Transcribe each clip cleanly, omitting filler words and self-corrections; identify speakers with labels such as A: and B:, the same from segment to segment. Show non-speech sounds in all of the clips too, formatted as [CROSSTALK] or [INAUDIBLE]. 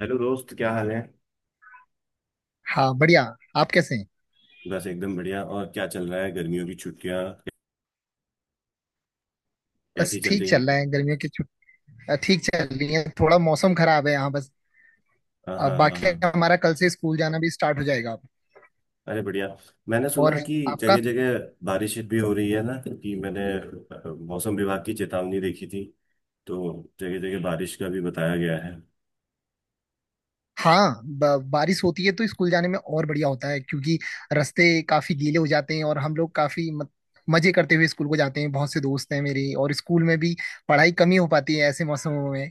A: Hello दोस्त, क्या हाल है।
B: हाँ, बढ़िया। आप कैसे हैं?
A: बस एकदम बढ़िया। और क्या चल रहा है, गर्मियों की छुट्टियां
B: बस
A: कैसी चल
B: ठीक
A: रही हैं।
B: चल रहा है। गर्मियों की छुट्टी ठीक चल रही है, थोड़ा मौसम खराब है यहाँ बस।
A: हाँ, हाँ, हाँ,
B: बाकी
A: हाँ,
B: हमारा कल से स्कूल जाना भी स्टार्ट हो जाएगा अब।
A: अरे बढ़िया। मैंने
B: और
A: सुना कि
B: आपका?
A: जगह जगह बारिश भी हो रही है ना, कि मैंने मौसम विभाग की चेतावनी देखी थी, तो जगह जगह बारिश का भी बताया गया है।
B: हाँ, बारिश होती है तो स्कूल जाने में और बढ़िया होता है, क्योंकि रास्ते काफी गीले हो जाते हैं और हम लोग काफी मत, मजे करते हुए स्कूल को जाते हैं। बहुत से दोस्त हैं मेरे, और स्कूल में भी पढ़ाई कम ही हो पाती है ऐसे मौसमों में।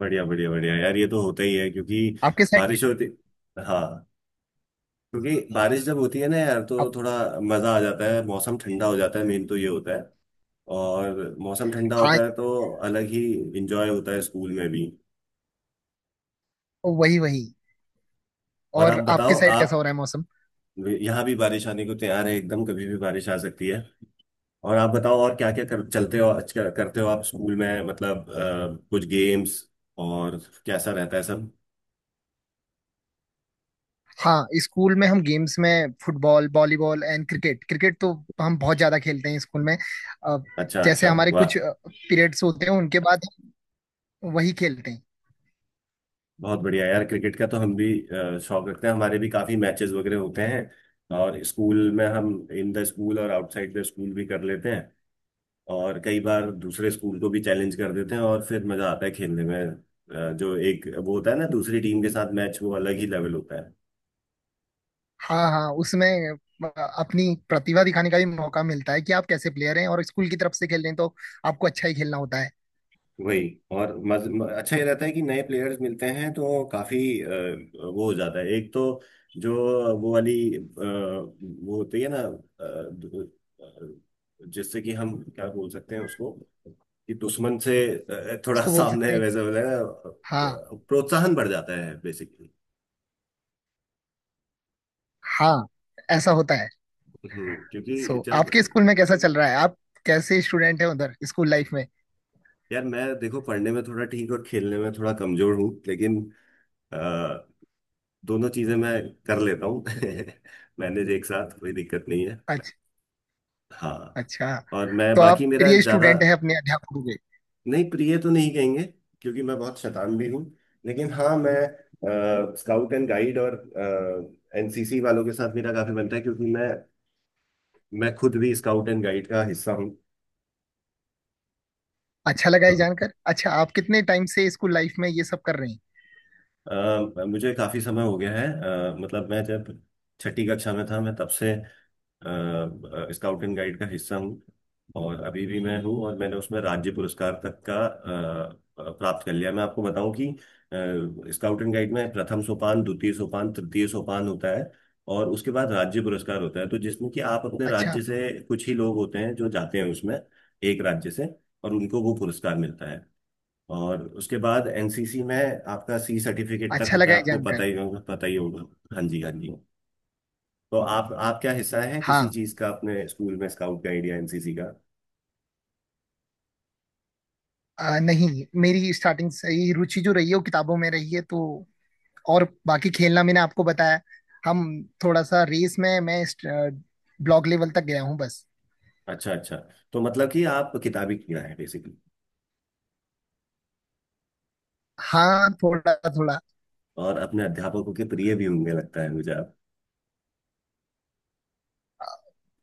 A: बढ़िया, बढ़िया, बढ़िया यार, ये तो होता ही है क्योंकि
B: आपके साइड
A: बारिश होती। हाँ, क्योंकि बारिश जब होती है ना यार, तो
B: आप,
A: थोड़ा मजा आ जाता है, मौसम ठंडा हो जाता है, मेन तो ये होता है। और मौसम ठंडा
B: हाँ,
A: होता है तो अलग ही इंजॉय होता है स्कूल में भी।
B: वही वही।
A: और आप
B: और आपके
A: बताओ,
B: साइड
A: आप,
B: कैसा हो रहा है मौसम?
A: यहाँ भी बारिश आने को तैयार है एकदम, कभी भी बारिश आ सकती है। और आप बताओ, और क्या क्या चलते हो, आज क्या करते हो आप स्कूल में, मतलब कुछ गेम्स, और कैसा रहता है सब।
B: हाँ, स्कूल में हम गेम्स में football, volleyball and cricket, cricket तो हम बहुत ज्यादा खेलते हैं स्कूल में। अ,
A: अच्छा,
B: जैसे
A: अच्छा,
B: हमारे
A: वाह।
B: कुछ पीरियड्स होते हैं, उनके बाद हम वही खेलते हैं।
A: बहुत बढ़िया यार, क्रिकेट का तो हम भी शौक रखते हैं, हमारे भी काफी मैचेस वगैरह होते हैं। और स्कूल में हम इन द स्कूल और आउटसाइड द स्कूल भी कर लेते हैं। और कई बार दूसरे स्कूल को भी चैलेंज कर देते हैं और फिर मजा आता है खेलने में। जो एक वो होता है ना, दूसरी टीम के साथ मैच, वो अलग ही लेवल होता है।
B: हाँ, हाँ, उसमें अ, अपनी प्रतिभा दिखाने का भी मौका मिलता है कि आप कैसे प्लेयर हैं, और स्कूल की तरफ से खेल रहे हैं तो आपको अच्छा ही खेलना होता है।
A: वही। और अच्छा ये रहता है कि नए प्लेयर्स मिलते हैं, तो काफी वो हो जाता है एक तो, जो वो वाली वो होती है ना, जिससे कि हम क्या बोल सकते हैं उसको, कि दुश्मन से थोड़ा [LAUGHS]
B: उसको बोल
A: सामने
B: सकते हैं।
A: वैसे बोले ना,
B: हाँ।
A: प्रोत्साहन बढ़ जाता है बेसिकली।
B: हाँ, ऐसा होता है।
A: हम्म, क्योंकि
B: सो
A: जब,
B: आपके स्कूल में कैसा चल रहा है? आप कैसे स्टूडेंट हैं उधर स्कूल लाइफ में?
A: यार मैं देखो पढ़ने में थोड़ा ठीक और खेलने में थोड़ा कमजोर हूँ, लेकिन अ, दोनों चीजें मैं कर लेता हूँ [LAUGHS] मैनेज, एक साथ, कोई दिक्कत नहीं है।
B: अच्छा।
A: हाँ।
B: अच्छा।
A: और मैं
B: तो आप
A: बाकी मेरा
B: प्रिय
A: ज्यादा,
B: स्टूडेंट हैं अपने अध्यापकों के?
A: नहीं प्रिय तो नहीं कहेंगे, क्योंकि मैं बहुत शैतान भी हूँ। लेकिन हाँ, मैं स्काउट एंड गाइड और एनसीसी वालों के साथ मेरा काफी बनता है, क्योंकि मैं खुद भी स्काउट एंड गाइड का हिस्सा हूँ।
B: अच्छा लगा ये
A: तो
B: जानकर। अच्छा, आप कितने टाइम से स्कूल लाइफ में ये सब कर रहे हैं?
A: मुझे काफी समय हो गया है। मतलब मैं जब छठी कक्षा में था, मैं तब से स्काउट एंड गाइड का हिस्सा हूँ और अभी भी मैं हूँ। और मैंने उसमें राज्य पुरस्कार तक का प्राप्त कर लिया। मैं आपको बताऊं कि स्काउट एंड गाइड में प्रथम सोपान, द्वितीय सोपान, तृतीय सोपान होता है, और उसके बाद राज्य पुरस्कार होता है, तो जिसमें कि आप अपने
B: अच्छा।
A: राज्य से कुछ ही लोग होते हैं जो जाते हैं उसमें, एक राज्य से, और उनको वो पुरस्कार मिलता है। और उसके बाद एनसीसी में आपका सी सर्टिफिकेट तक
B: अच्छा
A: होता
B: लगा
A: है,
B: ये
A: आपको
B: जानकर।
A: पता ही होगा, पता ही होगा। हाँ जी, हाँ जी। तो आप क्या हिस्सा है किसी
B: हाँ,
A: चीज का अपने स्कूल में, स्काउट गाइड या एनसीसी का।
B: नहीं, मेरी स्टार्टिंग से ही रुचि जो रही है वो किताबों में रही है तो। और बाकी खेलना, मैंने आपको बताया, हम थोड़ा सा रेस में मैं ब्लॉक लेवल तक गया हूँ बस।
A: अच्छा, अच्छा। तो मतलब कि आप किताबी कीड़ा है बेसिकली,
B: हाँ, थोड़ा थोड़ा।
A: और अपने अध्यापकों के प्रिय भी होंगे, लगता है मुझे आप।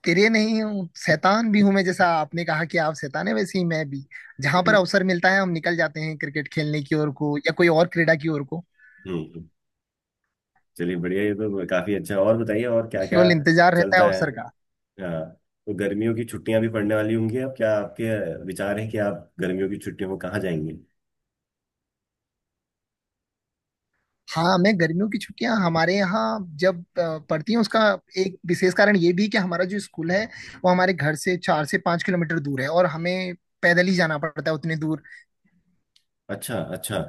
B: तेरे नहीं हूँ, शैतान भी हूं मैं। जैसा आपने कहा कि आप शैतान है, वैसे ही मैं भी। जहां पर
A: हम्म।
B: अवसर मिलता है हम निकल जाते हैं क्रिकेट खेलने की ओर को या कोई और क्रीडा की ओर को।
A: हम्म, हम्म। चलिए बढ़िया, ये तो काफी अच्छा। और बताइए और क्या क्या
B: केवल इंतजार रहता है
A: चलता है।
B: अवसर का।
A: हाँ। तो गर्मियों की छुट्टियां भी पड़ने वाली होंगी अब, क्या आपके विचार है कि आप गर्मियों की छुट्टियों में कहाँ जाएंगे।
B: हाँ, मैं गर्मियों की छुट्टियां हमारे यहाँ जब पड़ती हैं, उसका एक विशेष कारण ये भी है कि हमारा जो स्कूल है वो हमारे घर से 4 से 5 किलोमीटर दूर है, और हमें पैदल ही जाना पड़ता है उतने दूर।
A: अच्छा, अच्छा।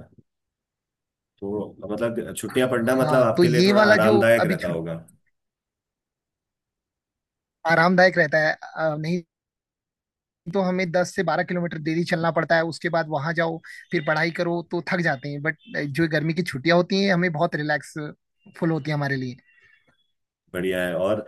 A: तो मतलब छुट्टियां पड़ना मतलब
B: हाँ, तो
A: आपके लिए
B: ये
A: थोड़ा
B: वाला जो
A: आरामदायक
B: अभी
A: रहता होगा।
B: आरामदायक रहता है। नहीं तो हमें 10 से 12 किलोमीटर डेली चलना पड़ता है। उसके बाद वहां जाओ फिर पढ़ाई करो, तो थक जाते हैं बट जो गर्मी की छुट्टियां होती हैं, हमें बहुत रिलैक्स फुल होती है हमारे लिए।
A: बढ़िया है। और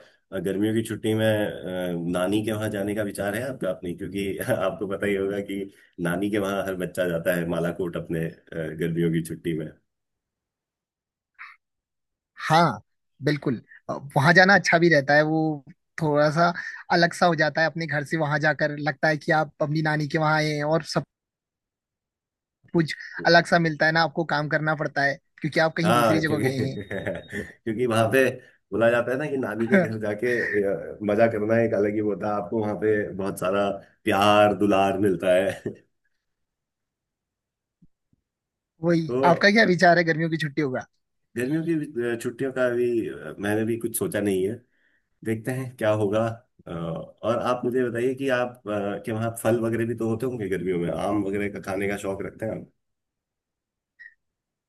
A: गर्मियों की छुट्टी में नानी के वहां जाने का विचार है आपका अपने, क्योंकि [LAUGHS] आपको पता ही होगा कि नानी के वहां हर बच्चा जाता है, बालाकोट अपने गर्मियों की छुट्टी में।
B: हाँ, बिल्कुल। वहां जाना अच्छा भी रहता है। वो थोड़ा सा अलग सा हो जाता है अपने घर से। वहां जाकर लगता है कि आप अपनी नानी के वहां आए हैं, और सब कुछ अलग सा मिलता है ना। आपको काम करना पड़ता है क्योंकि आप कहीं
A: हाँ,
B: दूसरी जगह गए हैं।
A: क्योंकि [LAUGHS] क्योंकि वहां पे बोला जाता है ना कि नानी के घर जाके मजा करना, एक अलग ही वो होता है। आपको वहां पे बहुत सारा प्यार दुलार मिलता है [LAUGHS]
B: [LAUGHS] वही।
A: तो
B: आपका क्या विचार है गर्मियों की छुट्टियों का?
A: गर्मियों की छुट्टियों का भी मैंने भी कुछ सोचा नहीं, देखते हैं क्या होगा। और आप मुझे बताइए कि आप के वहाँ फल वगैरह भी तो होते होंगे गर्मियों में, आम वगैरह का खाने का शौक रखते हैं आप।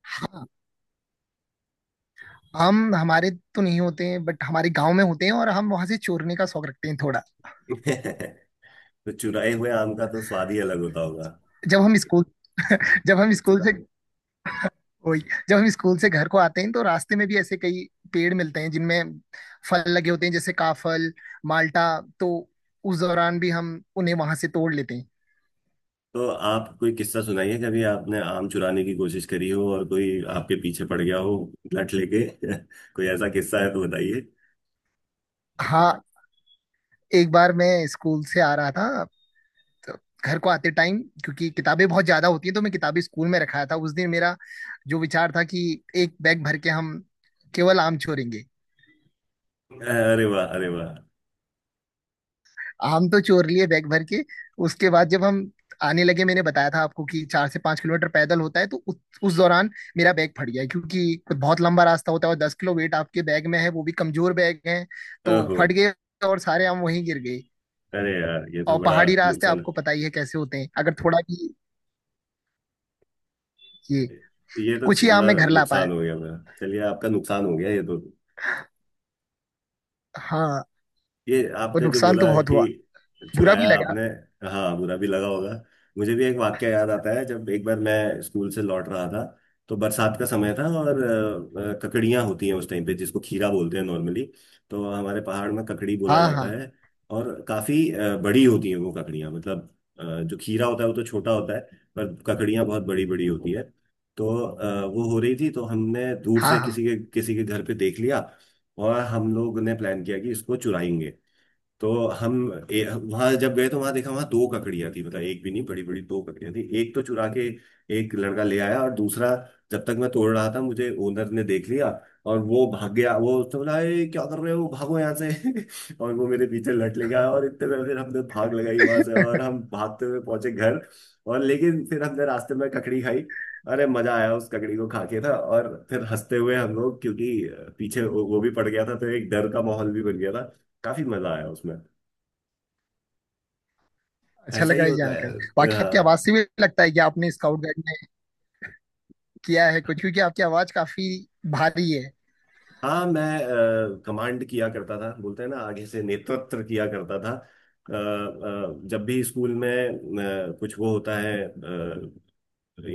B: हाँ। हम हमारे तो नहीं होते हैं, बट हमारे गांव में होते हैं, और हम वहां से चोरने का शौक रखते हैं थोड़ा।
A: [LAUGHS] तो चुराए हुए आम का तो स्वाद ही अलग होता होगा।
B: जब हम स्कूल [LAUGHS] जब हम स्कूल से, वही, जब हम स्कूल से घर को आते हैं तो रास्ते में भी ऐसे कई पेड़ मिलते हैं जिनमें फल लगे होते हैं, जैसे काफल, माल्टा। तो उस दौरान भी हम उन्हें वहां से तोड़ लेते हैं।
A: तो आप कोई किस्सा सुनाइए, कभी आपने आम चुराने की कोशिश करी हो और कोई आपके पीछे पड़ गया हो, लट लेके [LAUGHS] कोई ऐसा किस्सा है तो बताइए।
B: हाँ, एक बार मैं स्कूल से आ रहा था। तो घर को आते टाइम, क्योंकि किताबें बहुत ज्यादा होती हैं, तो मैं किताबें स्कूल में रखाया था उस दिन। मेरा जो विचार था कि एक बैग भर के हम केवल आम छोड़ेंगे।
A: अरे वाह, अरे वाह।
B: हम तो चोर लिए बैग भर के। उसके बाद जब हम आने लगे, मैंने बताया था आपको कि 4 से 5 किलोमीटर पैदल होता है, तो उस दौरान मेरा बैग फट गया, क्योंकि बहुत लंबा रास्ता होता है और 10 किलो वेट आपके बैग में है, वो भी कमजोर बैग है, तो
A: ओहो।
B: फट गए। और सारे आम वहीं गिर गए।
A: अरे यार, ये तो
B: और
A: बड़ा
B: पहाड़ी रास्ते
A: नुकसान।
B: आपको पता ही है कैसे होते हैं, अगर थोड़ा भी ये,
A: ये
B: कुछ
A: तो
B: ही आम
A: बड़ा
B: मैं घर ला पाया।
A: नुकसान हो गया मेरा, चलिए आपका नुकसान हो गया ये तो।
B: हाँ,
A: ये
B: और
A: आपने जो
B: नुकसान
A: बोला
B: तो बहुत
A: कि
B: हुआ, बुरा भी
A: चुराया
B: लगा।
A: आपने, हाँ बुरा भी लगा होगा। मुझे भी एक वाक्य याद आता है, जब एक बार मैं स्कूल से लौट रहा था, तो बरसात का समय था। और ककड़ियाँ होती हैं उस टाइम पे, जिसको खीरा बोलते हैं नॉर्मली, तो हमारे पहाड़ में ककड़ी बोला
B: हाँ,
A: जाता
B: हाँ,
A: है। और काफी बड़ी होती हैं वो ककड़ियाँ, मतलब जो खीरा होता है वो तो छोटा होता है, पर ककड़ियाँ बहुत बड़ी बड़ी होती है। तो वो हो रही थी, तो हमने दूर
B: हाँ,
A: से
B: हाँ।
A: किसी के घर पे देख लिया, और हम लोग ने प्लान किया कि इसको चुराएंगे। तो हम, वहां जब गए तो वहां देखा वहां दो ककड़ियां थी, मतलब एक भी नहीं, बड़ी बड़ी दो ककड़ियां थी। एक तो चुरा के एक लड़का ले आया, और दूसरा, जब तक मैं तोड़ रहा था, मुझे ओनर ने देख लिया, और वो भाग गया। वो तो बोला, "ए, क्या कर रहे हो, भागो यहाँ से।" [LAUGHS] और वो मेरे पीछे लट ले गया, और इतने में फिर हमने भाग लगाई वहां से, और हम भागते हुए पहुंचे घर। और लेकिन फिर हमने रास्ते में ककड़ी खाई, अरे मजा आया उस ककड़ी को खा के था। और फिर हंसते हुए हम लोग, क्योंकि पीछे वो भी पड़ गया था, तो एक डर का माहौल भी बन गया था, काफी मजा आया उसमें।
B: अच्छा
A: ऐसा ही
B: लगा ये
A: होता है।
B: जानकर। बाकी आपकी आवाज
A: अ,
B: से भी लगता है कि आपने स्काउट गाइड किया है कुछ, क्योंकि आपकी आवाज काफी भारी है।
A: हाँ, मैं कमांड किया करता था, बोलते हैं ना आगे से नेतृत्व किया करता था। जब भी स्कूल में कुछ वो होता है,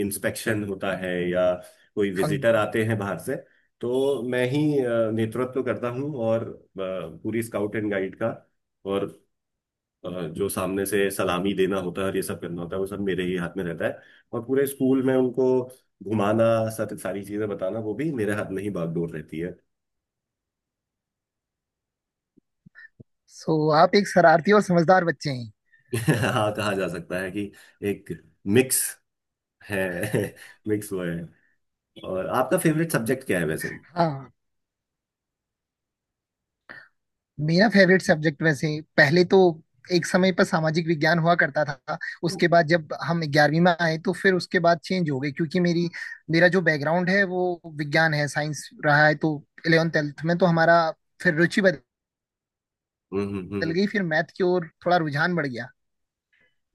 A: इंस्पेक्शन होता है या कोई
B: फंक।
A: विजिटर आते हैं बाहर से, तो मैं ही नेतृत्व करता हूँ, और पूरी स्काउट एंड गाइड का। और अ, जो सामने से सलामी देना होता है और ये सब करना होता है, वो सब मेरे ही हाथ में रहता है। और पूरे स्कूल में उनको घुमाना, सारी सारी चीजें बताना, वो भी मेरे हाथ में ही बागडोर रहती है।
B: सो आप एक शरारती और समझदार बच्चे हैं।
A: [LAUGHS] हाँ, कहा जा सकता है कि एक मिक्स है। [LAUGHS] मिक्स वो है। और आपका फेवरेट सब्जेक्ट क्या है वैसे।
B: हाँ, मेरा फेवरेट सब्जेक्ट में से पहले तो एक समय पर सामाजिक विज्ञान हुआ करता था।
A: हम्म।
B: उसके बाद जब हम 11वीं में आए तो फिर उसके बाद चेंज हो गए, क्योंकि मेरी मेरा जो बैकग्राउंड है वो विज्ञान है, साइंस रहा है, तो 11 12 में तो हमारा फिर रुचि बदल
A: हम्म हम्म हम्म।
B: गई, फिर मैथ की ओर थोड़ा रुझान बढ़ गया।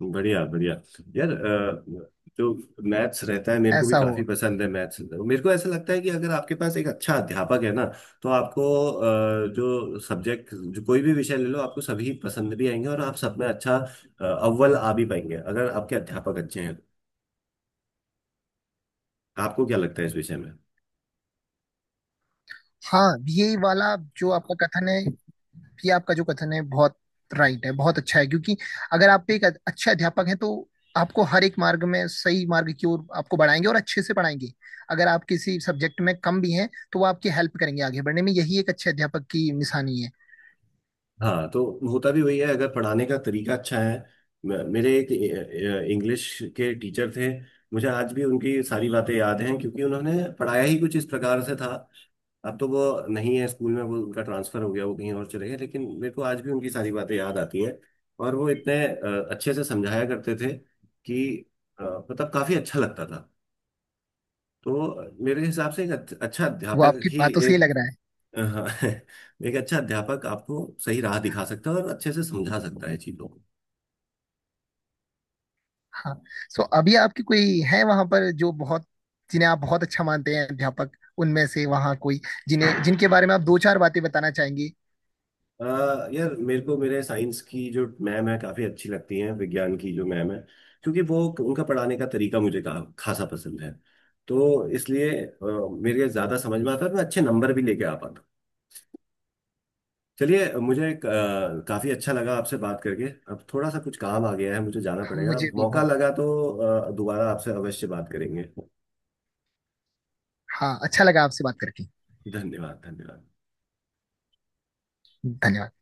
A: बढ़िया, बढ़िया। यार जो मैथ्स रहता है मेरे को भी
B: ऐसा
A: काफी
B: हुआ।
A: पसंद है मैथ्स। मेरे को ऐसा लगता है कि अगर आपके पास एक अच्छा अध्यापक है ना, तो आपको जो सब्जेक्ट, जो कोई भी विषय ले लो, आपको सभी पसंद भी आएंगे और आप सब में अच्छा अव्वल आ भी पाएंगे, अगर आपके अध्यापक अच्छे हैं। आपको क्या लगता है इस विषय में।
B: हाँ, ये वाला जो आपका कथन है, ये आपका जो कथन है बहुत राइट है, बहुत अच्छा है। क्योंकि अगर आप एक अच्छे अध्यापक हैं तो आपको हर एक मार्ग में सही मार्ग की ओर आपको बढ़ाएंगे और अच्छे से पढ़ाएंगे। अगर आप किसी सब्जेक्ट में कम भी हैं तो वो आपकी हेल्प करेंगे आगे बढ़ने में। यही एक अच्छे अध्यापक की निशानी है।
A: हाँ, तो होता भी वही है, अगर पढ़ाने का तरीका अच्छा है। मेरे एक इंग्लिश के टीचर थे, मुझे आज भी उनकी सारी बातें याद हैं, क्योंकि उन्होंने पढ़ाया ही कुछ इस प्रकार से था। अब तो वो नहीं है स्कूल में, वो, उनका ट्रांसफर हो गया, वो कहीं और चले गए, लेकिन मेरे को आज भी उनकी सारी बातें याद आती हैं। और वो इतने अच्छे से समझाया करते थे कि मतलब काफी अच्छा लगता था। तो मेरे हिसाब से एक अच्छा
B: वो
A: अध्यापक
B: आपकी
A: ही
B: बातों से ही
A: एक,
B: लग रहा है।
A: [LAUGHS] एक अच्छा अध्यापक आपको सही राह दिखा सकता है और अच्छे से समझा सकता है चीजों को।
B: हाँ। सो अभी आपकी कोई है वहां पर जो बहुत, जिन्हें आप बहुत अच्छा मानते हैं अध्यापक उनमें से, वहाँ कोई जिन्हें जिनके बारे में आप दो चार बातें बताना चाहेंगे?
A: अ, यार मेरे को, मेरे साइंस की जो मैम है काफी अच्छी लगती हैं, विज्ञान की जो मैम है, क्योंकि वो, उनका पढ़ाने का तरीका मुझे खासा पसंद है, तो इसलिए मेरे ज्यादा समझ में आता है और मैं अच्छे नंबर भी लेके आ पाता हूँ। चलिए मुझे काफी अच्छा लगा आपसे बात करके, अब थोड़ा सा कुछ काम आ गया है, मुझे जाना
B: हम,
A: पड़ेगा।
B: मुझे भी
A: मौका
B: बहुत।
A: लगा तो दोबारा आपसे अवश्य बात करेंगे।
B: हाँ, अच्छा लगा आपसे बात करके।
A: धन्यवाद, धन्यवाद।
B: धन्यवाद।